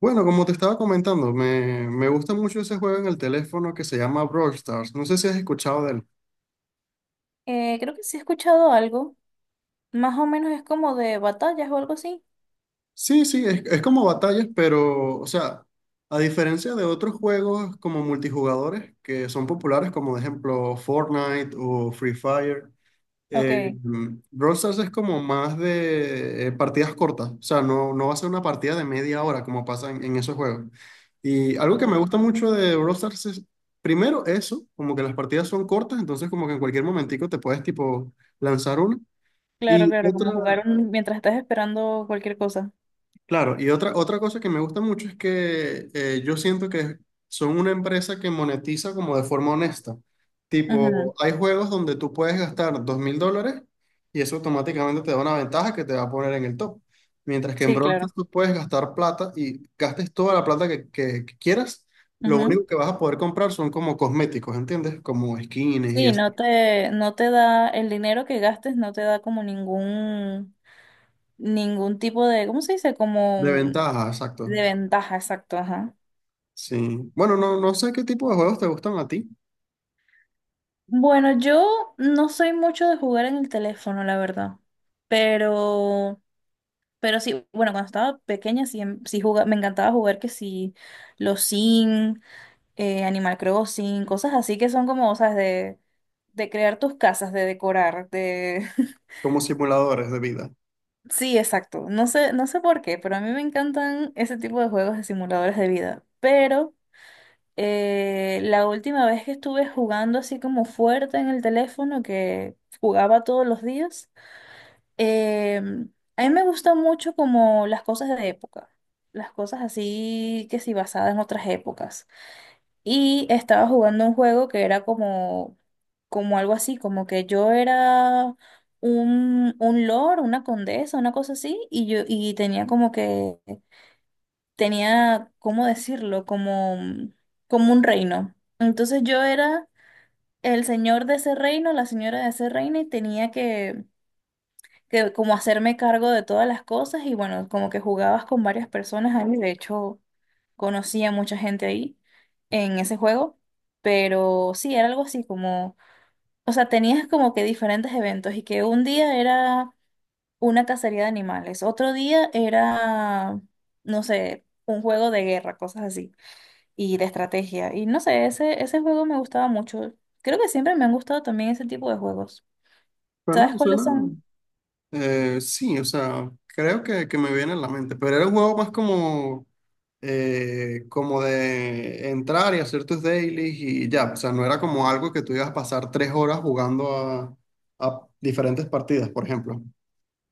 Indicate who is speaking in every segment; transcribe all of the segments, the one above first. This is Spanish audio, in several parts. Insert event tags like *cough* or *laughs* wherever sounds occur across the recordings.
Speaker 1: Bueno, como te estaba comentando, me gusta mucho ese juego en el teléfono que se llama Brawl Stars. No sé si has escuchado de él.
Speaker 2: Creo que sí he escuchado algo. Más o menos es como de batallas o algo así.
Speaker 1: Sí, sí, es como batallas, pero, o sea, a diferencia de otros juegos como multijugadores que son populares, como de ejemplo Fortnite o Free Fire. Eh,
Speaker 2: Ok.
Speaker 1: Brawl Stars es como más de partidas cortas, o sea, no, no va a ser una partida de media hora como pasa en, esos juegos. Y algo que me gusta
Speaker 2: Ok.
Speaker 1: mucho de Brawl Stars es, primero, eso, como que las partidas son cortas, entonces como que en cualquier momentico te puedes tipo lanzar una.
Speaker 2: Claro,
Speaker 1: Y
Speaker 2: claro, como
Speaker 1: otra,
Speaker 2: jugar mientras estás esperando cualquier cosa.
Speaker 1: Claro, y otra cosa que me gusta mucho es que yo siento que son una empresa que monetiza como de forma honesta. Tipo,
Speaker 2: Ujú.
Speaker 1: hay juegos donde tú puedes gastar $2.000 y eso automáticamente te da una ventaja que te va a poner en el top. Mientras que en
Speaker 2: Sí,
Speaker 1: Brawl Stars
Speaker 2: claro.
Speaker 1: tú puedes gastar plata y gastes toda la plata que quieras, lo
Speaker 2: Ujú.
Speaker 1: único que vas a poder comprar son como cosméticos, ¿entiendes? Como skins y
Speaker 2: Sí,
Speaker 1: eso.
Speaker 2: no te da el dinero que gastes, no te da como ningún tipo de, ¿cómo se dice?
Speaker 1: De
Speaker 2: Como
Speaker 1: ventaja, exacto.
Speaker 2: de ventaja, exacto, ajá.
Speaker 1: Sí. Bueno, no, no sé qué tipo de juegos te gustan a ti,
Speaker 2: Bueno, yo no soy mucho de jugar en el teléfono, la verdad. Pero Pero sí, bueno, cuando estaba pequeña sí, sí me encantaba jugar que sí, los Sims, Animal Crossing, cosas así que son como, ¿sabes? De crear tus casas, de decorar, *laughs*
Speaker 1: como simuladores de vida.
Speaker 2: Sí, exacto. No sé por qué, pero a mí me encantan ese tipo de juegos de simuladores de vida. Pero la última vez que estuve jugando así como fuerte en el teléfono, que jugaba todos los días, Eh, a mí me gustan mucho como las cosas de época, las cosas así que sí basadas en otras épocas. Y estaba jugando un juego que era como algo así, como que yo era un lord, una condesa, una cosa así, y tenía tenía, ¿cómo decirlo? Como un reino. Entonces yo era el señor de ese reino, la señora de ese reino, y tenía que como hacerme cargo de todas las cosas y bueno, como que jugabas con varias personas ahí, de hecho conocí a mucha gente ahí en ese juego, pero sí, era algo así como, o sea, tenías como que diferentes eventos y que un día era una cacería de animales, otro día era, no sé, un juego de guerra, cosas así, y de estrategia, y no sé, ese juego me gustaba mucho, creo que siempre me han gustado también ese tipo de juegos. ¿Sabes
Speaker 1: Suena,
Speaker 2: cuáles
Speaker 1: suena.
Speaker 2: son?
Speaker 1: Sí, o sea, creo que me viene en la mente, pero era un juego más como, como de entrar y hacer tus dailies y ya, o sea, no era como algo que tú ibas a pasar 3 horas jugando a, diferentes partidas, por ejemplo.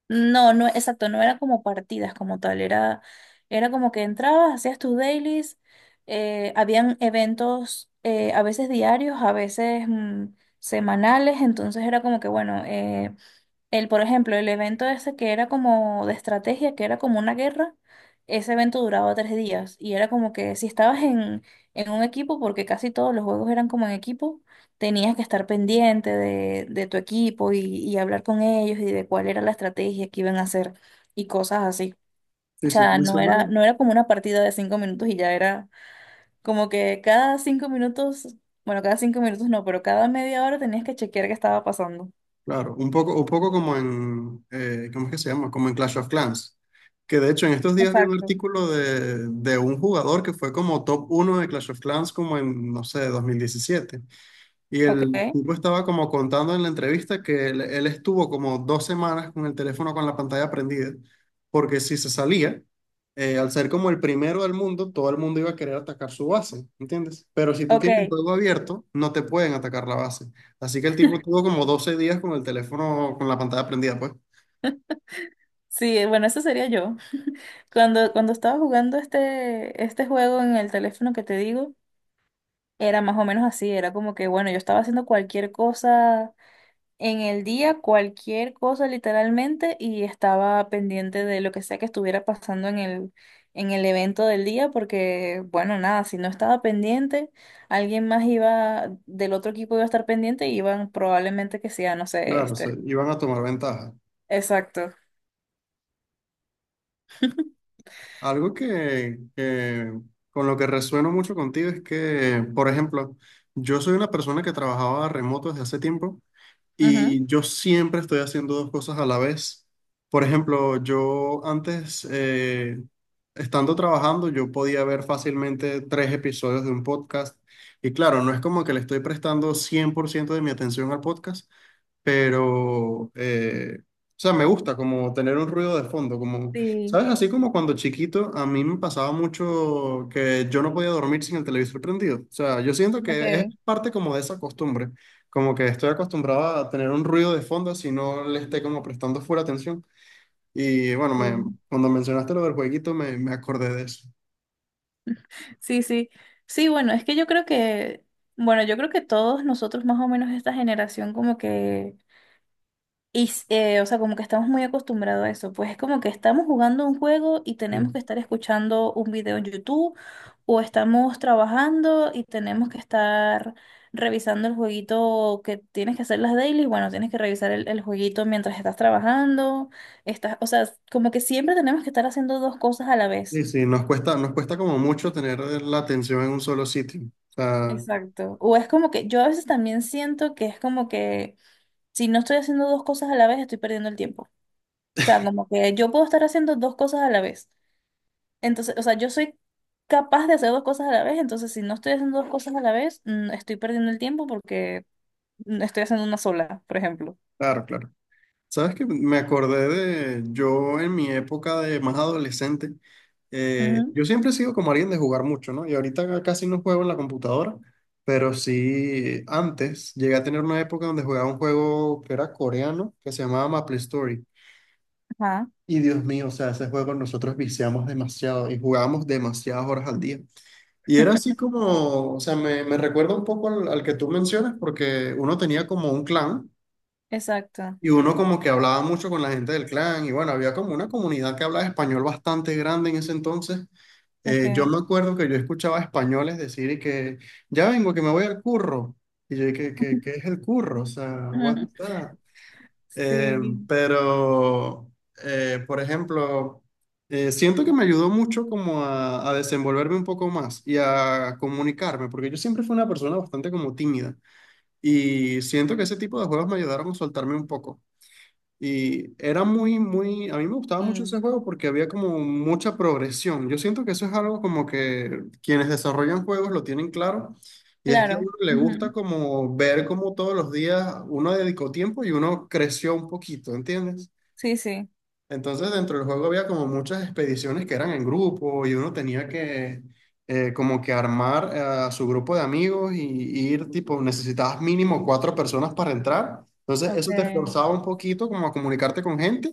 Speaker 2: No, no, exacto, no era como partidas como tal, era como que entrabas, hacías tus dailies, habían eventos, a veces diarios, a veces semanales, entonces era como que bueno, el, por ejemplo, el evento ese que era como de estrategia, que era como una guerra, ese evento duraba 3 días y era como que si estabas en, un equipo, porque casi todos los juegos eran como en equipo, tenías que estar pendiente de tu equipo y hablar con ellos y de cuál era la estrategia que iban a hacer y cosas así.
Speaker 1: Sí,
Speaker 2: O
Speaker 1: sí,
Speaker 2: sea,
Speaker 1: me
Speaker 2: no
Speaker 1: suena,
Speaker 2: era, no era como una partida de 5 minutos y ya era como que cada 5 minutos, bueno, cada 5 minutos no, pero cada media hora tenías que chequear qué estaba pasando.
Speaker 1: claro, un poco como en, ¿cómo es que se llama? Como en Clash of Clans, que de hecho en estos días vi un
Speaker 2: Exacto.
Speaker 1: artículo de un jugador que fue como top uno de Clash of Clans como en, no sé, 2017. Y
Speaker 2: Ok.
Speaker 1: el tipo estaba como contando en la entrevista que él estuvo como 2 semanas con el teléfono con la pantalla prendida, porque si se salía, al ser como el primero del mundo, todo el mundo iba a querer atacar su base, ¿entiendes? Pero si tú
Speaker 2: Ok.
Speaker 1: tienes el juego abierto, no te pueden atacar la base. Así que el tipo tuvo como 12 días con el teléfono con la pantalla prendida, pues.
Speaker 2: Sí, bueno, eso sería yo. *laughs* Cuando estaba jugando este juego en el teléfono que te digo, era más o menos así, era como que, bueno, yo estaba haciendo cualquier cosa en el día, cualquier cosa literalmente, y estaba pendiente de lo que sea que estuviera pasando en el evento del día, porque, bueno, nada, si no estaba pendiente, alguien más iba, del otro equipo iba a estar pendiente y iban probablemente que sea, no sé,
Speaker 1: Claro,
Speaker 2: este.
Speaker 1: iban a tomar ventaja.
Speaker 2: Exacto. *laughs*
Speaker 1: Algo que con lo que resueno mucho contigo es que, por ejemplo, yo soy una persona que trabajaba remoto desde hace tiempo.
Speaker 2: Ujú.
Speaker 1: Y yo siempre estoy haciendo dos cosas a la vez. Por ejemplo, yo antes, estando trabajando, yo podía ver fácilmente 3 episodios de un podcast. Y claro, no es como que le estoy prestando 100% de mi atención al podcast, pero, o sea, me gusta como tener un ruido de fondo, como,
Speaker 2: Sí,
Speaker 1: ¿sabes? Así como cuando chiquito a mí me pasaba mucho que yo no podía dormir sin el televisor prendido. O sea, yo siento que es
Speaker 2: ok.
Speaker 1: parte como de esa costumbre, como que estoy acostumbrado a tener un ruido de fondo si no le esté como prestando full atención. Y bueno,
Speaker 2: Sí.
Speaker 1: cuando mencionaste lo del jueguito me acordé de eso.
Speaker 2: Sí, sí. Sí, bueno, es que yo creo que, bueno, yo creo que todos nosotros más o menos esta generación como que, y, o sea, como que estamos muy acostumbrados a eso. Pues es como que estamos jugando un juego y
Speaker 1: Sí,
Speaker 2: tenemos que estar escuchando un video en YouTube o estamos trabajando y tenemos que estar revisando el jueguito que tienes que hacer las dailies. Bueno, tienes que revisar el jueguito mientras estás trabajando. Estás, o sea, como que siempre tenemos que estar haciendo dos cosas a la vez.
Speaker 1: sí, sí, nos cuesta como mucho tener la atención en un solo sitio. O sea,
Speaker 2: Exacto. O es como que yo a veces también siento que es como que si no estoy haciendo dos cosas a la vez, estoy perdiendo el tiempo. O sea, como que yo puedo estar haciendo dos cosas a la vez. Entonces, o sea, yo soy capaz de hacer dos cosas a la vez, entonces si no estoy haciendo dos cosas a la vez, estoy perdiendo el tiempo porque estoy haciendo una sola, por ejemplo.
Speaker 1: claro, claro. Sabes que me acordé de yo en mi época de más adolescente.
Speaker 2: Ujú.
Speaker 1: Yo siempre he sido como alguien de jugar mucho, ¿no? Y ahorita casi no juego en la computadora, pero sí antes llegué a tener una época donde jugaba un juego que era coreano, que se llamaba Maple Story.
Speaker 2: Ajá,
Speaker 1: Y Dios mío, o sea, ese juego nosotros viciamos demasiado y jugábamos demasiadas horas al día. Y era así como, o sea, me recuerda un poco al que tú mencionas, porque uno tenía como un clan.
Speaker 2: exacto.
Speaker 1: Y uno como que hablaba mucho con la gente del clan y bueno, había como una comunidad que hablaba español bastante grande en ese entonces. Yo
Speaker 2: Ok.
Speaker 1: me acuerdo que yo escuchaba españoles decir y que ya vengo, que me voy al curro. Y yo, ¿qué es
Speaker 2: *laughs*
Speaker 1: el curro? O sea, what is
Speaker 2: Ujú.
Speaker 1: that? Eh,
Speaker 2: Sí,
Speaker 1: pero, por ejemplo, siento que me ayudó mucho como a desenvolverme un poco más y a comunicarme, porque yo siempre fui una persona bastante como tímida y siento que ese tipo de juegos me ayudaron a soltarme un poco. Y era muy, muy, a mí me gustaba mucho
Speaker 2: mm,
Speaker 1: ese juego porque había como mucha progresión. Yo siento que eso es algo como que quienes desarrollan juegos lo tienen claro. Y es que a
Speaker 2: claro.
Speaker 1: uno le gusta
Speaker 2: Ujú.
Speaker 1: como ver cómo todos los días uno dedicó tiempo y uno creció un poquito, ¿entiendes?
Speaker 2: Sí, sí.
Speaker 1: Entonces, dentro del juego había como muchas expediciones que eran en grupo y uno tenía que como que armar a su grupo de amigos y ir tipo, necesitabas mínimo 4 personas para entrar. Entonces,
Speaker 2: Ok.
Speaker 1: eso te esforzaba un poquito como a comunicarte con gente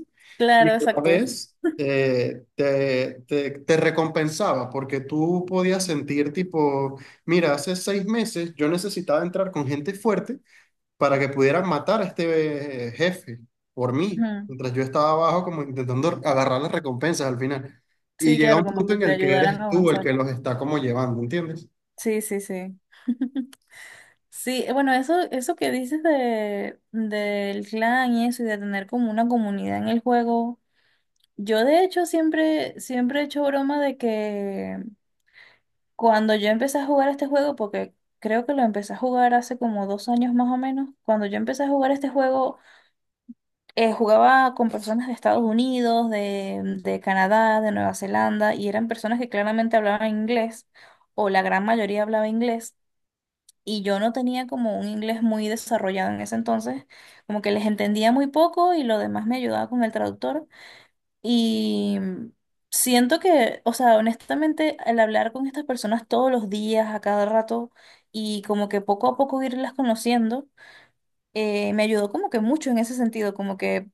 Speaker 1: y a
Speaker 2: Claro,
Speaker 1: la
Speaker 2: exacto.
Speaker 1: vez
Speaker 2: *laughs*
Speaker 1: te recompensaba porque tú podías sentir tipo, mira, hace 6 meses yo necesitaba entrar con gente fuerte para que pudieran matar a este jefe por mí,
Speaker 2: Ujú.
Speaker 1: mientras yo estaba abajo como intentando agarrar las recompensas al final. Y
Speaker 2: Sí,
Speaker 1: llega
Speaker 2: claro,
Speaker 1: un
Speaker 2: como
Speaker 1: punto
Speaker 2: que
Speaker 1: en
Speaker 2: te
Speaker 1: el que
Speaker 2: ayudaran a
Speaker 1: eres tú el
Speaker 2: avanzar.
Speaker 1: que los está como llevando, ¿entiendes?
Speaker 2: Sí, sí, sí. Sí, bueno, eso, que dices del clan y eso, y de tener como una comunidad en el juego. Yo de hecho siempre, siempre he hecho broma de que cuando yo empecé a jugar este juego, porque creo que lo empecé a jugar hace como 2 años más o menos, cuando yo empecé a jugar este juego, jugaba con personas de Estados Unidos, de Canadá, de Nueva Zelanda, y eran personas que claramente hablaban inglés, o la gran mayoría hablaba inglés. Y yo no tenía como un inglés muy desarrollado en ese entonces, como que les entendía muy poco y lo demás me ayudaba con el traductor. Y siento que, o sea, honestamente, al hablar con estas personas todos los días, a cada rato, y como que poco a poco irlas conociendo, me ayudó como que mucho en ese sentido, como que,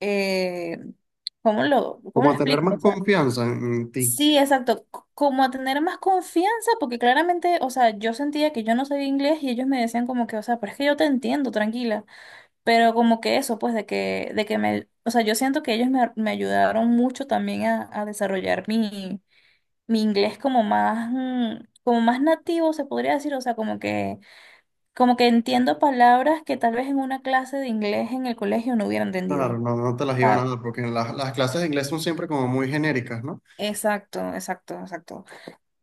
Speaker 2: eh, ¿cómo lo, cómo
Speaker 1: Como
Speaker 2: lo
Speaker 1: a tener
Speaker 2: explico?
Speaker 1: más confianza en ti.
Speaker 2: Sí, exacto, como a tener más confianza, porque claramente, o sea, yo sentía que yo no sabía inglés y ellos me decían como que, o sea, pero es que yo te entiendo, tranquila, pero como que eso, pues, de que o sea, yo siento que ellos me ayudaron mucho también a desarrollar mi, mi inglés como más, como más nativo, se podría decir, o sea, como que entiendo palabras que tal vez en una clase de inglés en el colegio no hubiera
Speaker 1: Claro,
Speaker 2: entendido.
Speaker 1: no, no te las iban a
Speaker 2: Ah,
Speaker 1: dar, porque las clases de inglés son siempre como muy genéricas, ¿no?
Speaker 2: exacto, exacto, exacto.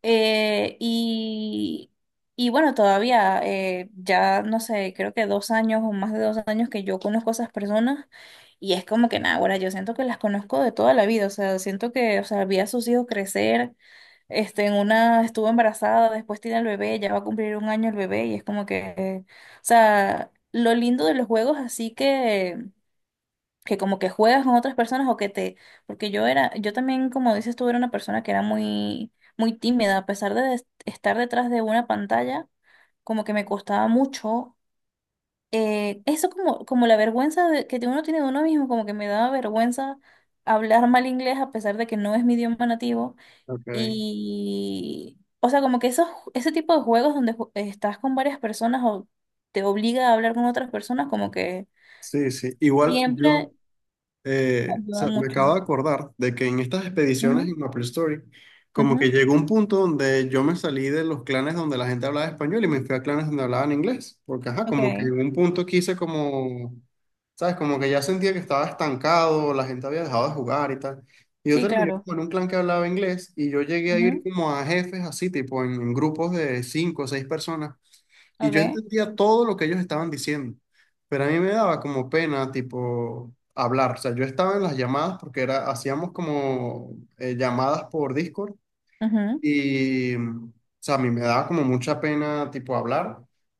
Speaker 2: Eh, y, y bueno, todavía ya no sé, creo que 2 años o más de 2 años que yo conozco a esas personas y es como que nada, ahora yo siento que las conozco de toda la vida, o sea, siento que, o sea, vi a sus hijos crecer, en una estuvo embarazada, después tiene el bebé, ya va a cumplir 1 año el bebé y es como que, o sea, lo lindo de los juegos así que como que juegas con otras personas o que te, porque yo era, yo también, como dices tú, era una persona que era muy, muy tímida, a pesar de estar detrás de una pantalla, como que me costaba mucho, eso como la vergüenza que uno tiene de uno mismo, como que me daba vergüenza hablar mal inglés a pesar de que no es mi idioma nativo
Speaker 1: Ok,
Speaker 2: y, o sea, como que esos, ese tipo de juegos donde estás con varias personas o te obliga a hablar con otras personas, como que
Speaker 1: sí, sí. Igual yo,
Speaker 2: siempre
Speaker 1: o
Speaker 2: ayuda
Speaker 1: sea, me
Speaker 2: mucho.
Speaker 1: acabo de acordar de que en estas expediciones en MapleStory, como que
Speaker 2: Ujú.
Speaker 1: llegó un punto donde yo me salí de los clanes donde la gente hablaba español y me fui a clanes donde hablaban inglés, porque ajá,
Speaker 2: Ok,
Speaker 1: como que en un punto quise como, ¿sabes? Como que ya sentía que estaba estancado, la gente había dejado de jugar y tal. Y yo
Speaker 2: sí,
Speaker 1: terminé
Speaker 2: claro.
Speaker 1: como en un clan que hablaba inglés y yo llegué a ir
Speaker 2: Ujú.
Speaker 1: como a jefes así, tipo en grupos de 5 o 6 personas. Y yo
Speaker 2: Ok,
Speaker 1: entendía todo lo que ellos estaban diciendo, pero a mí me daba como pena, tipo, hablar. O sea, yo estaba en las llamadas porque era, hacíamos como llamadas por Discord
Speaker 2: ujú.
Speaker 1: y, o sea, a mí me daba como mucha pena, tipo, hablar.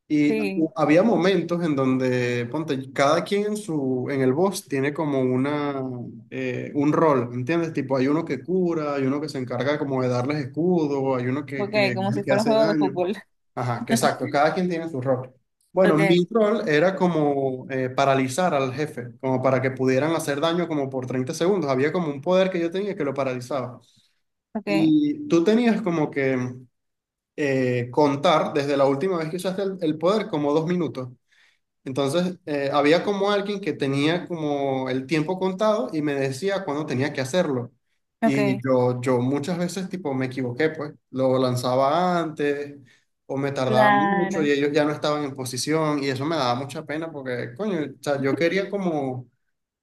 Speaker 1: Y
Speaker 2: Sí,
Speaker 1: había momentos en donde, ponte, cada quien en en el boss tiene como un rol, ¿entiendes? Tipo, hay uno que cura, hay uno que se encarga como de darles escudo, hay uno
Speaker 2: ok,
Speaker 1: que es
Speaker 2: como si
Speaker 1: el que
Speaker 2: fuera un
Speaker 1: hace
Speaker 2: juego de
Speaker 1: daño.
Speaker 2: fútbol. *laughs*
Speaker 1: Ajá, que exacto, cada quien tiene su rol. Bueno,
Speaker 2: Ok,
Speaker 1: mi rol era como paralizar al jefe, como para que pudieran hacer daño como por 30 segundos. Había como un poder que yo tenía que lo paralizaba.
Speaker 2: ok,
Speaker 1: Y tú tenías como que contar desde la última vez que usaste el poder como 2 minutos. Entonces, había como alguien que tenía como el tiempo contado y me decía cuándo tenía que hacerlo.
Speaker 2: ok,
Speaker 1: Y yo muchas veces tipo me equivoqué, pues lo lanzaba antes o me tardaba mucho y
Speaker 2: claro.
Speaker 1: ellos ya no estaban en posición y eso me daba mucha pena porque, coño, o sea, yo quería como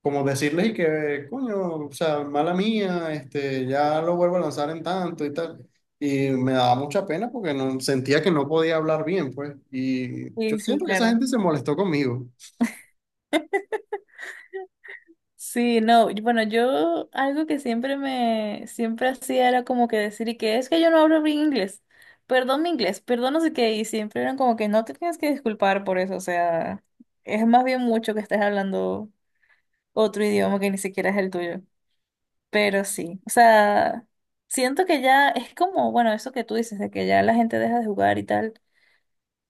Speaker 1: decirles y que, coño, o sea, mala mía, este, ya lo vuelvo a lanzar en tanto y tal. Y me daba mucha pena porque no, sentía que no podía hablar bien, pues. Y yo
Speaker 2: Sí, sí,
Speaker 1: siento que esa
Speaker 2: claro.
Speaker 1: gente se molestó conmigo.
Speaker 2: Sí, no, y bueno, yo algo que siempre hacía era como que decir y que es que yo no hablo bien inglés, perdón mi inglés, perdón no sé qué, y siempre eran como que no te tienes que disculpar por eso, o sea, es más bien mucho que estés hablando otro idioma que ni siquiera es el tuyo. Pero sí, o sea, siento que ya es como, bueno, eso que tú dices, de que ya la gente deja de jugar y tal,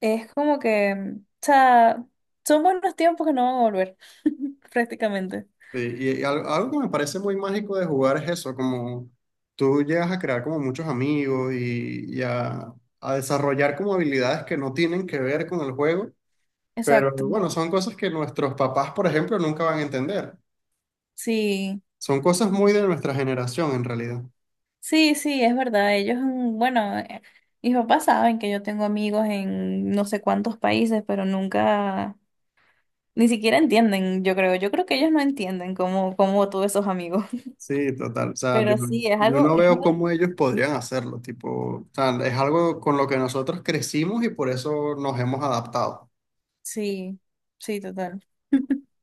Speaker 2: es como que, o sea, son buenos tiempos que no van a volver, *laughs* prácticamente.
Speaker 1: Sí. Algo que me parece muy mágico de jugar es eso, como tú llegas a crear como muchos amigos y a, desarrollar como habilidades que no tienen que ver con el juego. Pero
Speaker 2: Exacto.
Speaker 1: bueno, son cosas que nuestros papás, por ejemplo, nunca van a entender.
Speaker 2: Sí,
Speaker 1: Son cosas muy de nuestra generación en realidad.
Speaker 2: sí, sí, es verdad. Ellos, bueno, mis papás saben que yo tengo amigos en no sé cuántos países, pero nunca, ni siquiera entienden, yo creo. Yo creo que ellos no entienden cómo tuve esos amigos. *laughs*
Speaker 1: Sí, total. O sea, yo,
Speaker 2: Pero sí,
Speaker 1: yo no
Speaker 2: es
Speaker 1: veo
Speaker 2: algo,
Speaker 1: cómo ellos podrían hacerlo. Tipo, o sea, es algo con lo que nosotros crecimos y por eso nos hemos adaptado.
Speaker 2: sí, sí, total. *laughs*